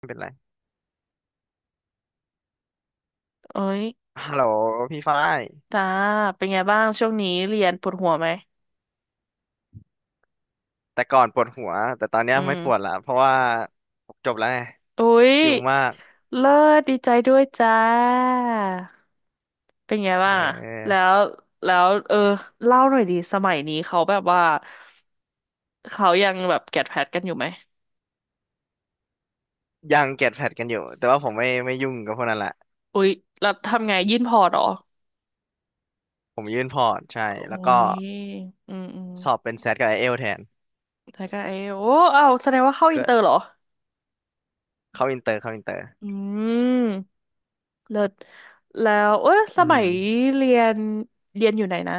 ไม่เป็นไร เอ้ยฮัลโหลพี่ฝ้ายจ้าเป็นไงบ้างช่วงนี้เรียนปวดหัวไหมแต่ก่อนปวดหัวแต่ตอนเนี้ยอืไม่มปวดละเพราะว่าจบแล้วไงอุ้ยชิลมากเลิศดีใจด้วยจ้าเป็นไงเบ้างอะแล้ออวแล้วเออเล่าหน่อยดีสมัยนี้เขาแบบว่าเขายังแบบแกดแพดกันอยู่ไหมยังเก็ตแพดกันอยู่แต่ว่าผมไม่ยุ่งกับพวกนั้นละอุ้ยแล้วทำไงยื่นพอร์ตเหรอผมยื่นพอร์ตใช่โอ้แล้วก็ยอืมสอบเป็นแซดกับไอเอลแทนแล้วก็เออโอ้เอาวแสดงว่าเข้าอินก็เตอร์เหรอเข้าอินเตอร์เข้าอินเตอร์อืมเลิศแล้วเอ้ยสอืมมัยเรียนเรียนอยู่ไหนนะ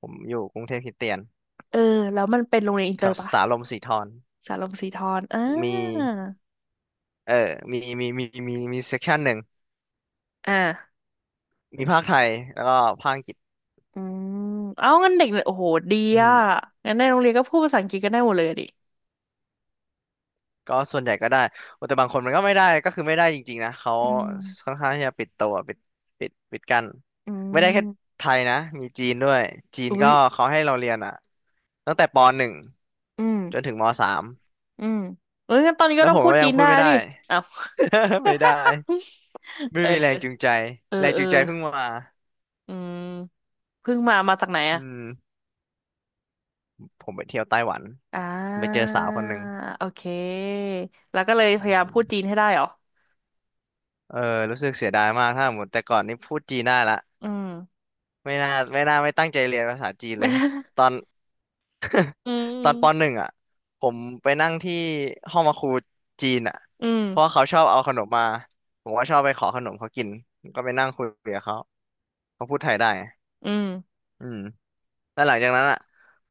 ผมอยู่กรุงเทพคริสเตียนเออแล้วมันเป็นโรงเรียนอินแถเตอวร์ปะสาลมสีทรสาลงสีทอนอ่ามีเออ มีเซกชันหนึ่งอ่ามีภาคไทยแล้วก็ภาคอังกฤษอืมเอางั้นเด็กเนี่ยโอ้โหดีอือ่ะม งั้นในโรงเรียนก็พูดภาษาอังกฤษกันได้หมดเลยอะดิก็ส่วนใหญ่ก็ได้โอ้แต่บางคนมันก็ไม่ได้ก็คือไม่ได้จริงๆนะเขาอืมค่อนข้างที่จะปิดตัวปิดปิดปิดกั้นอืไม่ได้แค่มไทยนะมีจีนด้วยจีนอุ้ก็ยเขาให้เราเรียนอ่ะตั้งแต่ปหนึ่งอืมจนถึงม.3อืมเอ้ยงั้นตอนนี้แล้ก็วต้อผงมพูก็ดยัจีงนพูได้ดไม่ได้ ดิอ้าว ไม่ได้ ไม่เออมีแรงจูงใจเออแรงเอจูองใจเพิ่งมาอืมเพิ่งมาจากไหนอือะมผมไปเที่ยวไต้หวันอ่ผมไปเจอาสาวคนหนึ่งโอเคแล้วก็เลยพอืยายามพูดจีนมให้ได้เหรอเออรู้สึกเสียดายมากถ้าหมดแต่ก่อนนี่พูดจีนได้ละอืม ไม่น่าไม่ตั้งใจเรียนภาษาจีน เลไม่ยตได้อน อืตม อนปหนึ่งอ่ะผมไปนั่งที่ห้องมาครูจีนอ่ะ อืมเพราะว่าเขาชอบเอาขนมมาผมก็ชอบไปขอขนมเขากินผมก็ไปนั่งคุยกับเขาเขาพูดไทยได้อืมอืมแล้วหลังจากนั้นอ่ะ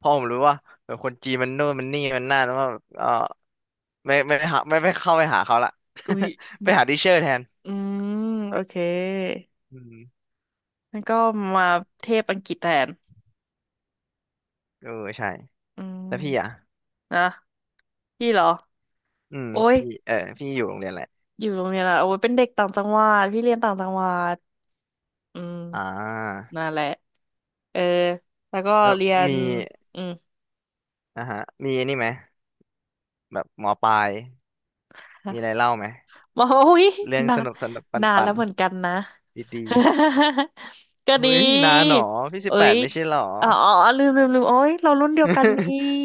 พอผมรู้ว่าเออคนจีนมันโน่นมันนี่มันนั่นแล้วก็เออไม่เข้าไปหาเขาละ อุ้ย ไปหาดิเชอร์แทนอืมโอเคอืมงั้นก็มาเทพอังกฤษแทนเออใช่อืแล้วพี่อ่ะมนะพี่เหรออืมโอ้ยพี่เออพี่อยู่โรงเรียนแหละไรอยู่โรงเรียนอะโอ้ยเป็นเด็กต่างจังหวัดพี่เรียนต่างจังหวัดอืมอ่านั่นแหละเออแล้วก็แล้วเรียนมีอืม นะฮะมีอันนี่ไหมแบบหมอปลาย มีฮะอะไรเล่าไหม โอ้ยเรื่องนาสนนุกสนุกปันนานปัแล้นวเหมือนกันนะ ดี ก็ๆเฮ้ดียนาหนอพี่สิบเอ้แปยดไม่ใช่หรอ อ๋อลืมโอ้ยเรารุ่นเดียวกันนี่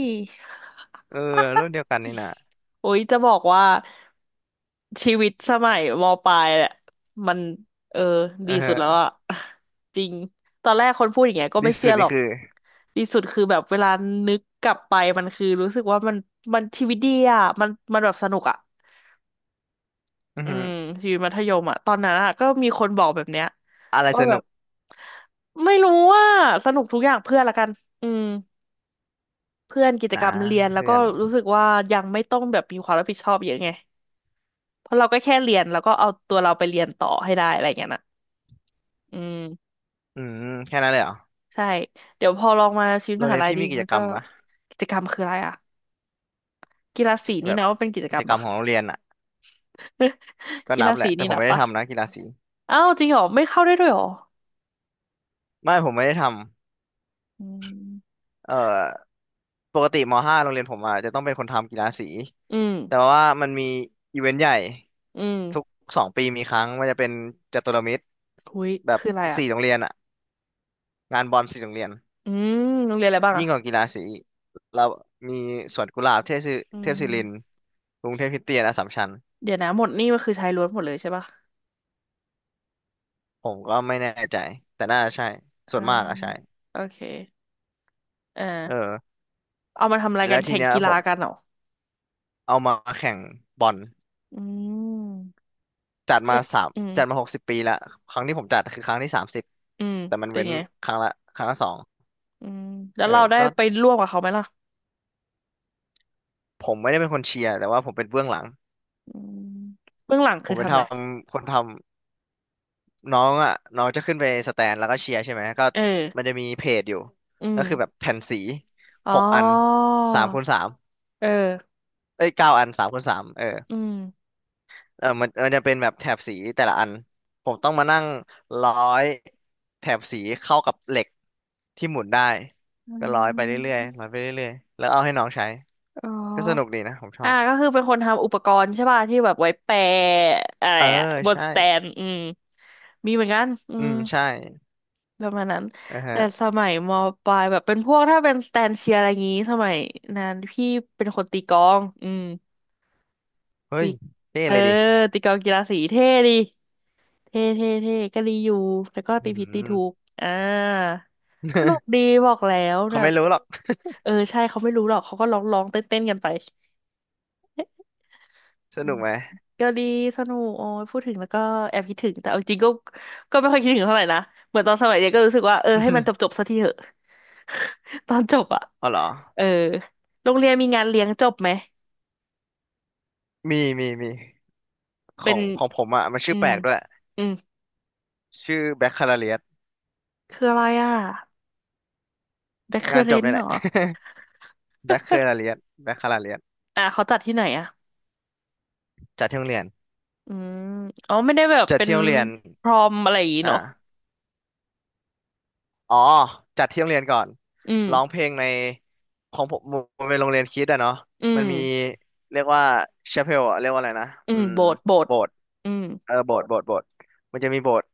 เออรุ่นเดียวกันนี่นะโอ้ยจะบอกว่าชีวิตสมัยมปลายแหละมันเออเอดีอสุดแล้วฮะอะ จริงตอนแรกคนพูดอย่างเงี้ยก็ดีไม่เชื่สุอดหรนี่อกคือดีสุดคือแบบเวลานึกกลับไปมันคือรู้สึกว่ามันชีวิตดีอะมันแบบสนุกอะอืออืฮึมชีวิตมัธยมอะตอนนั้นอะก็มีคนบอกแบบเนี้ยอะไรสว่าแบนุบกไม่รู้ว่าสนุกทุกอย่างเพื่อนละกันอืมเพื่อนกิจนะกรรมเรียนแล้วเพื่ก็อนรู้สึกว่ายังไม่ต้องแบบมีความรับผิดชอบเยอะไง เพราะเราก็แค่เรียนแล้วก็เอาตัวเราไปเรียนต่อให้ได้อะไรอย่างเงี้ยนะอืมอืมแค่นั้นเลยเหรอใช่เดี๋ยวพอลองมาชีวิตโรมงหาเรียนลัยพี่ดีมีกิมัจนกรก็รมปะกิจกรรมคืออะไรอ่ะกีฬาสีแบนี่บนะว่าเป็นกิจกิกรจรมกรรมปะ ของโรงเรียนอ่ะก็ กีนัฬาบแหสีละแต่นี่ผมนะไม่ได้ปะทำนะกีฬาสีอ้าวจริงเหรอไม่เข้าได้ด้วยเหรอไม่ผมไม่ได้ทอืมำเอ่อปกติม.5โรงเรียนผมอ่ะจะต้องเป็นคนทำกีฬาสีอืมแต่ว่ามันมีอีเวนต์ใหญ่อืทุกม2 ปีมีครั้งมันจะเป็นจตุรมิตรหุยแบบคืออะไรอ่ะ4 โรงเรียนอ่ะ งานบอลสีโรงเรียนอืมโรงเรียนอะไรบ้างยิ่อ่ะงกว่ากีฬาสีอีกเรามีสวนกุหลาบเทพศิอืเทพมศิรินทร์กรุงเทพคริสเตียนอัสสัมชัญเดี๋ยวนะหมดนี่มันคือชายล้วนหมดเลยใช่ปะผมก็ไม่แน่ใจแต่น่าจะใช่ส่วอ่านมากอะใช่โอเคเอเอออเอามาทำอะไรกัแล้นวทีแข่งเนี้ยกีผฬามกันเหรอเอามาแข่งบอลอืมจัดมาและสามอืมจัดมา60 ปีละครั้งที่ผมจัดคือครั้งที่30อืมแต่มันเป็นเว้นไง ครั้งละครั้งละสองอืมแล้เอวเราอได้ก็ไปร่วมกับเขาไหมล่ะผมไม่ได้เป็นคนเชียร์แต่ว่าผมเป็นเบื้องหลังอืมเบื้องหลังผคือมเป็นทำอะไรคนทำ น้องอ่ะน้องจะขึ้นไปสแตนแล้วก็เชียร์ใช่ไหมก็เออมันจะมีเพจอยู่อืก็มคือแบบแผ่นสีอ๋หอกอันสามคูณสามเออเอ้ย9 อันสามคูณสามเอออืมมันจะเป็นแบบแถบสีแต่ละอันผมต้องมานั่งร้อยแถบสีเข้ากับเหล็กที่หมุนได้อืก็ร้อยไปเรื่อยๆร้มอยไปเรื่อยๆแล้วเอาให้น้องใช้อ๋อก็สนุกดีนะผมชออ่าบก็คือเป็นคนทำอุปกรณ์ใช่ป่ะที่แบบไว้แปะอะไรเอออะบนใช่สแตนอืมมีเหมือนกันอือืมมใช่ประมาณนั้น อ่าฮะแต่สมัยมปลายแบบเป็นพวกถ้าเป็นสแตนเชียร์อะไรงี้สมัยนั้นพี่เป็นคนตีกลองอืมเฮ้ตียเท่เออเลยดิตีกลองกีฬาสีเท่ดี เท่ก็รีอยู่แล้วก็อืตีผิดตีถูกม อ่าก็หนุกดี บอกแล้วเขาแบไม่บรู้หรอกเออใช่เขาไม่รู้หรอกเขาก็ร้องเต้นกันไป สอืนุมกไหม ก็ดีสนุกโอ้ยพูดถึงแล้วก็แอบคิดถึงแต่เอาจริงก็ก็ไม่ค่อยคิดถึงเท่าไหร่นะเหมือนตอนสมัยเรียนก็รู้สึกว่าเออให้มันจบ จบสักทีเถอะ ตอนจบอะอ๋อเหรอเออโรงเรียนมีงานเลี้ยงจบไหมมีมีมีขเป็อนงของผมอ่ะมันชื่อือแปมลกด้วย อืมชื่อแบคคาลาเรียสคืออะไรอ่ะแบคเคองานเรจบนนี่แหเหรละ อ แบคคาลาเรียสแบคคาลาเรียสอ่ะเขาจัดที่ไหนอ่ะ จัดที่โรงเรียนอืมอ๋อไม่ได้แบบจัดเป็นที่โรงเรียนพรอมอะไรอย่างงี้เนาะอ่าอ๋อจัดที่โรงเรียนก่อนอืมร้องเพลงในของผมมันเป็นโรงเรียนคริสต์อะเนาะอืมันมมีเรียกว่าชาเพลเรียกว่าอะไรนะอือืมมโบสถ์โบสโบถ์สถ์อืมเออโบสถ์มันจะมีโบสถ์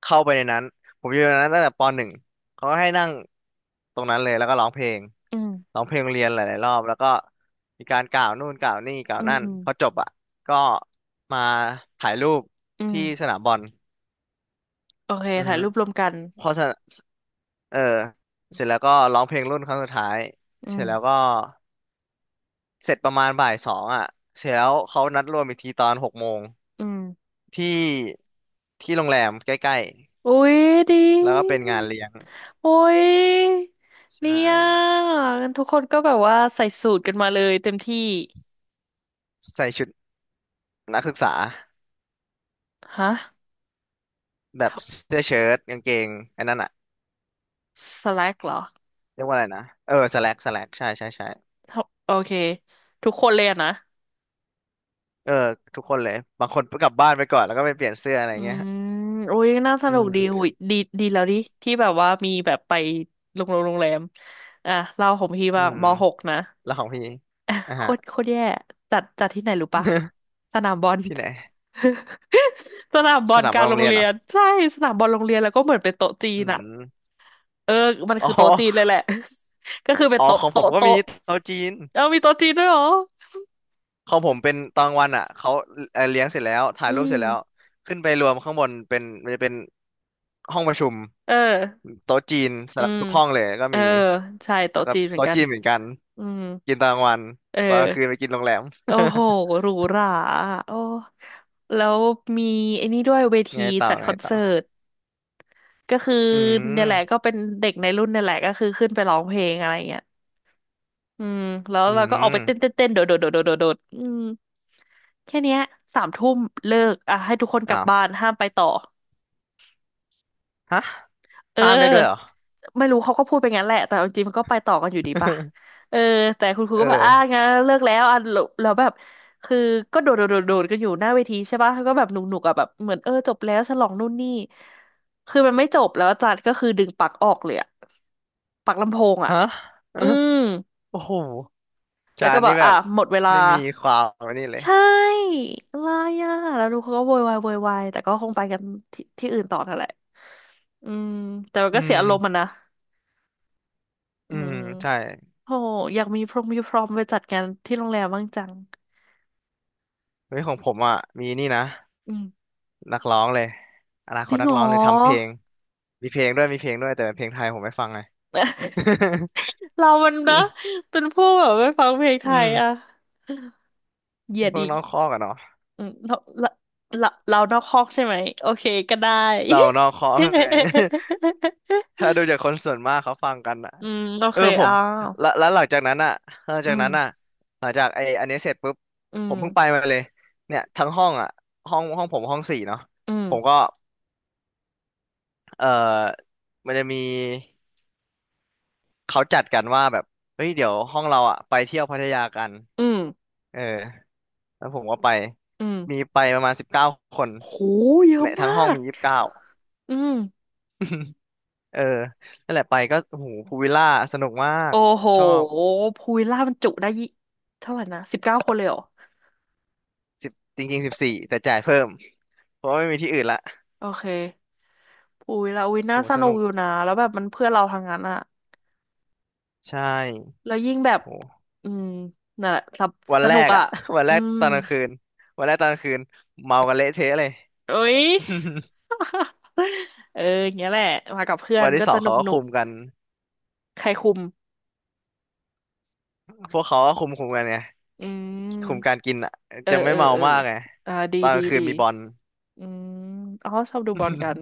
เข้าไปในนั้น ผมอยู่ในนั้นตั้งแต่ปหนึ่งเขาก็ให้นั่งตรงนั้นเลยแล้วก็ร้องเพลง อืมร้องเพลงโรงเรียนหลายๆรอบแล้วก็มีการกล่าวนู่นกล่าวนี่กล่าอืวนั่นมพอจบอ่ะก็มาถ่ายรูปอืที่สมนามบอลโอเคอือถ่ายฮึรูปรวมกันพอสนเออเสร็จแล้วก็ร้องเพลงรุ่นครั้งสุดท้ายอืเสร็มจแล้วก็เสร็จประมาณบ่าย 2อ่ะเสร็จแล้วเขานัดรวมอีกทีตอน6 โมงอืมที่ที่โรงแรมใกล้อุ้ยดีๆแล้วก็เป็นงานเลี้ยงโอ้ยเนี่ใช่ยงั้นทุกคนก็แบบว่าใส่สูทกันมาเลยเต็มที่ใส่ชุดนักศึกษาฮะแบบทเสื้อเชิ้ตกางเกงไอ้นั่นอ่ะำสแลกเหรอเรียกว่าอะไรนะเออสแลกใช่ใช่ใช่ ทำโอเคทุกคนเลยอะนะ เออทุกคนเลยบางคนกลับบ้านไปก่อนแล้วก็ไปเปลี่ยนเสื้ออะไรอืเงี้ยมโอุ้ยน่าสอืนุกดีมหุยดีดีแล้วดิที่แบบว่ามีแบบไปโรงแรมอ่ะเล่าของพี่อืบ้างมมหกนะ แล้วของพี่ อ่ะอ่ะโคฮะ ตรโคตรแย่จัดที่ไหนรู้ปะสนามบอล ที่ไหน สนามบอสลนามกบลาอลงโรโรงงเรียนเรีเหรยอนใช่สนามบอลโรงเรียนแล้วก็เหมือนเป็นโต๊ะจีอืนอะมเออมันอ๋คือโต๊ะจีนเลยอแหละ ก็คือเป็นอ๋อโต๊ะของผมโต๊ะก็มีโต๊ะเตาจีนเอามีโต๊ะจีนด้วยเหรอของผมเป็นตอนกลางวันอ่ะเขาเลี้ยงเสร็จแล้วถ่ายอืรูปเสร็จแล้วมขึ้นไปรวมข้างบนเป็นมันจะเป็นห้องประชุมเออโต๊ะจีนอืสำหรับมทุกห้องเลยก็เออมีใช่แล้วโต๊ะก็จีนเหมือนโต๊ะกันจีนเหมือนกันอืมกินตอนกลางวันเอตอนกลางอ คืนไปกินโรงแรม โอ้โหหรูหราโอ้แล้วมีไอ้นี่ด้วยเว ทีไงต่อจัดคไงอนต่อเสิร์ตก็คืออืเนี่ยแหละมก็เป็นเด็กในรุ่นเนี่ยแหละก็คือขึ้นไปร้องเพลงอะไรเงี้ยอืมแล้วอืเราก็ออกไปเต้นเต้มนเต้นโดดอืมแค่เนี้ยสามทุ่มเลิกอ่ะให้ทุกคนกลับอ้าว บ้านห้ามไปต่อ ฮะเข้ามได้ด้วยเหรอออ ไม่รู้เขาก็พูดไปงั้นแหละแต่เอาจริงมันก็ไปต่อกันอยู่ดีป่ะ เออแต่คุณครูเก็แบบอ่าอองั้นเลิกแล้วอ่ะแล้วแบบคือก็โดดกันอยู่หน้าเวทีใช่ป่ะก็แบบหนุกอ่ะแบบเหมือนเออจบแล้วฉลองนู่นนี่คือมันไม่จบแล้วอาจารย์ก็คือดึงปลั๊กออกเลยอะปลั๊กลำโพงอ่ะฮะ อื มโอ้โหแล้จาวก็นแบนี่บแบอ่ะบหมดเวลาไม่มีความอันนี้เลย ใช่อะไรอ่ะแล้วดูเขาก็โวยวายแต่ก็คงไปกันที่อื่นต่อนั่นแหละอืมแต่มันอืก็เสียอารมณ์มันมนะอือืมม ใช่โหอยากมีพรงมีพรอมไปจัดงานที่โรงแรมบ้างจังเฮ้ยของผมอ่ะมีนี่นะ อืมนักร้องเลยอนาคจตริงนัเหกรอร้องเลยทำเพลง มีเพลงด้วยมีเพลงด้วยแต่เป็นเพลงไทยผมไม่ฟังไง เรามันนะเป็นผู้แบบไม่ฟังเพลง ไทอืยอะมเหยียดพวกอีกน้องคอกอะเนาะอืมเราเรานอกคอกใช่ไหมโอเคก็ได้ เราน้องคอกไง ถ้าดูจากคนส่วนมากเขาฟังกันอ่ะ อืมโอเออเคผมอ่าแล้วหลังจากนั้นอ่ะหลังอืจากมนั้นอ่ะหลังจากไออันนี้เสร็จปุ๊บอืผมมเพิ่งไปมาเลยเนี่ยทั้งห้องอ่ะห้องผมห้องสี่เนาะอืมผมก็เออมันจะมีเขาจัดกันว่าแบบเฮ้ยเดี๋ยวห้องเราอ่ะไปเที่ยวพัทยากันอืมเออแล้วผมก็ไปอืมมีไปประมาณสิบเก้าคนโหเยในอะทั้มางห้องมีก29อืมเออนั่นแหละไปก็โอ้โหพูลวิลล่าสนุกมากโอ้โหชอบ พูวิลล่ามันจุได้ยี่เท่าไหร่นะ19คนเลยเหรอสิบจริงๆ14แต่จ่ายเพิ่มเพราะว่าไม่มีที่อื่นละโอเค อุ้ยแล้วอุ้ยโหน่าสสนุกนุกอยู่นะแล้วแบบมันเพื่อนเราทางนั้นอะใช่แล้วยิ่งแบบโหอืมนั่นแหละสบวันสแรนุกกอะอะ วันแรอืกมตอนกลางคืนวันแรกตอนกลางคืนเมากันเละเทะเลย เอ้ย เอออย่างเงี้ยแหละมากับเพื่อนวันก็ที่สอจะงนุเขากก็หนุคุกมกันใครคุมพวกเขาก็คุมกันไงอืคุมการมกินอะเออจะไม่เออเมาเออมากไงอ่าดีตอนกดีลางคืนดีมีบอล อืมอ๋อชอบดูบอลกัน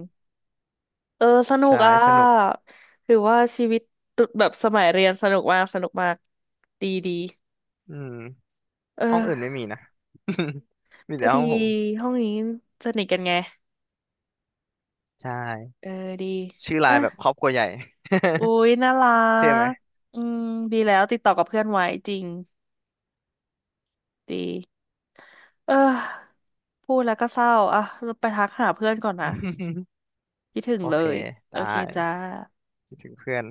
เออสนุใช่กอ่ะสนุกถือว่าชีวิตตุแบบสมัยเรียนสนุกมากดีดีอืมเอห้องออื่นไม่มีนะ มีก็แต่ห้ดีองผมห้องนี้สนิทกันไง ใช่เออดีชื่อไลอ่ะน์แบบครอบครัวใหญ่อุ๊ยน่ารัเท่ไหม กอืมดีแล้วติดต่อกับเพื่อนไว้จริงดีเออพูดแล้วก็เศร้าอ่ะเราไปทักหาเพื่อนก่อนนะ คิดถึงโอเลเคยไโอเคด้จ้าคิดถึงเพื่อน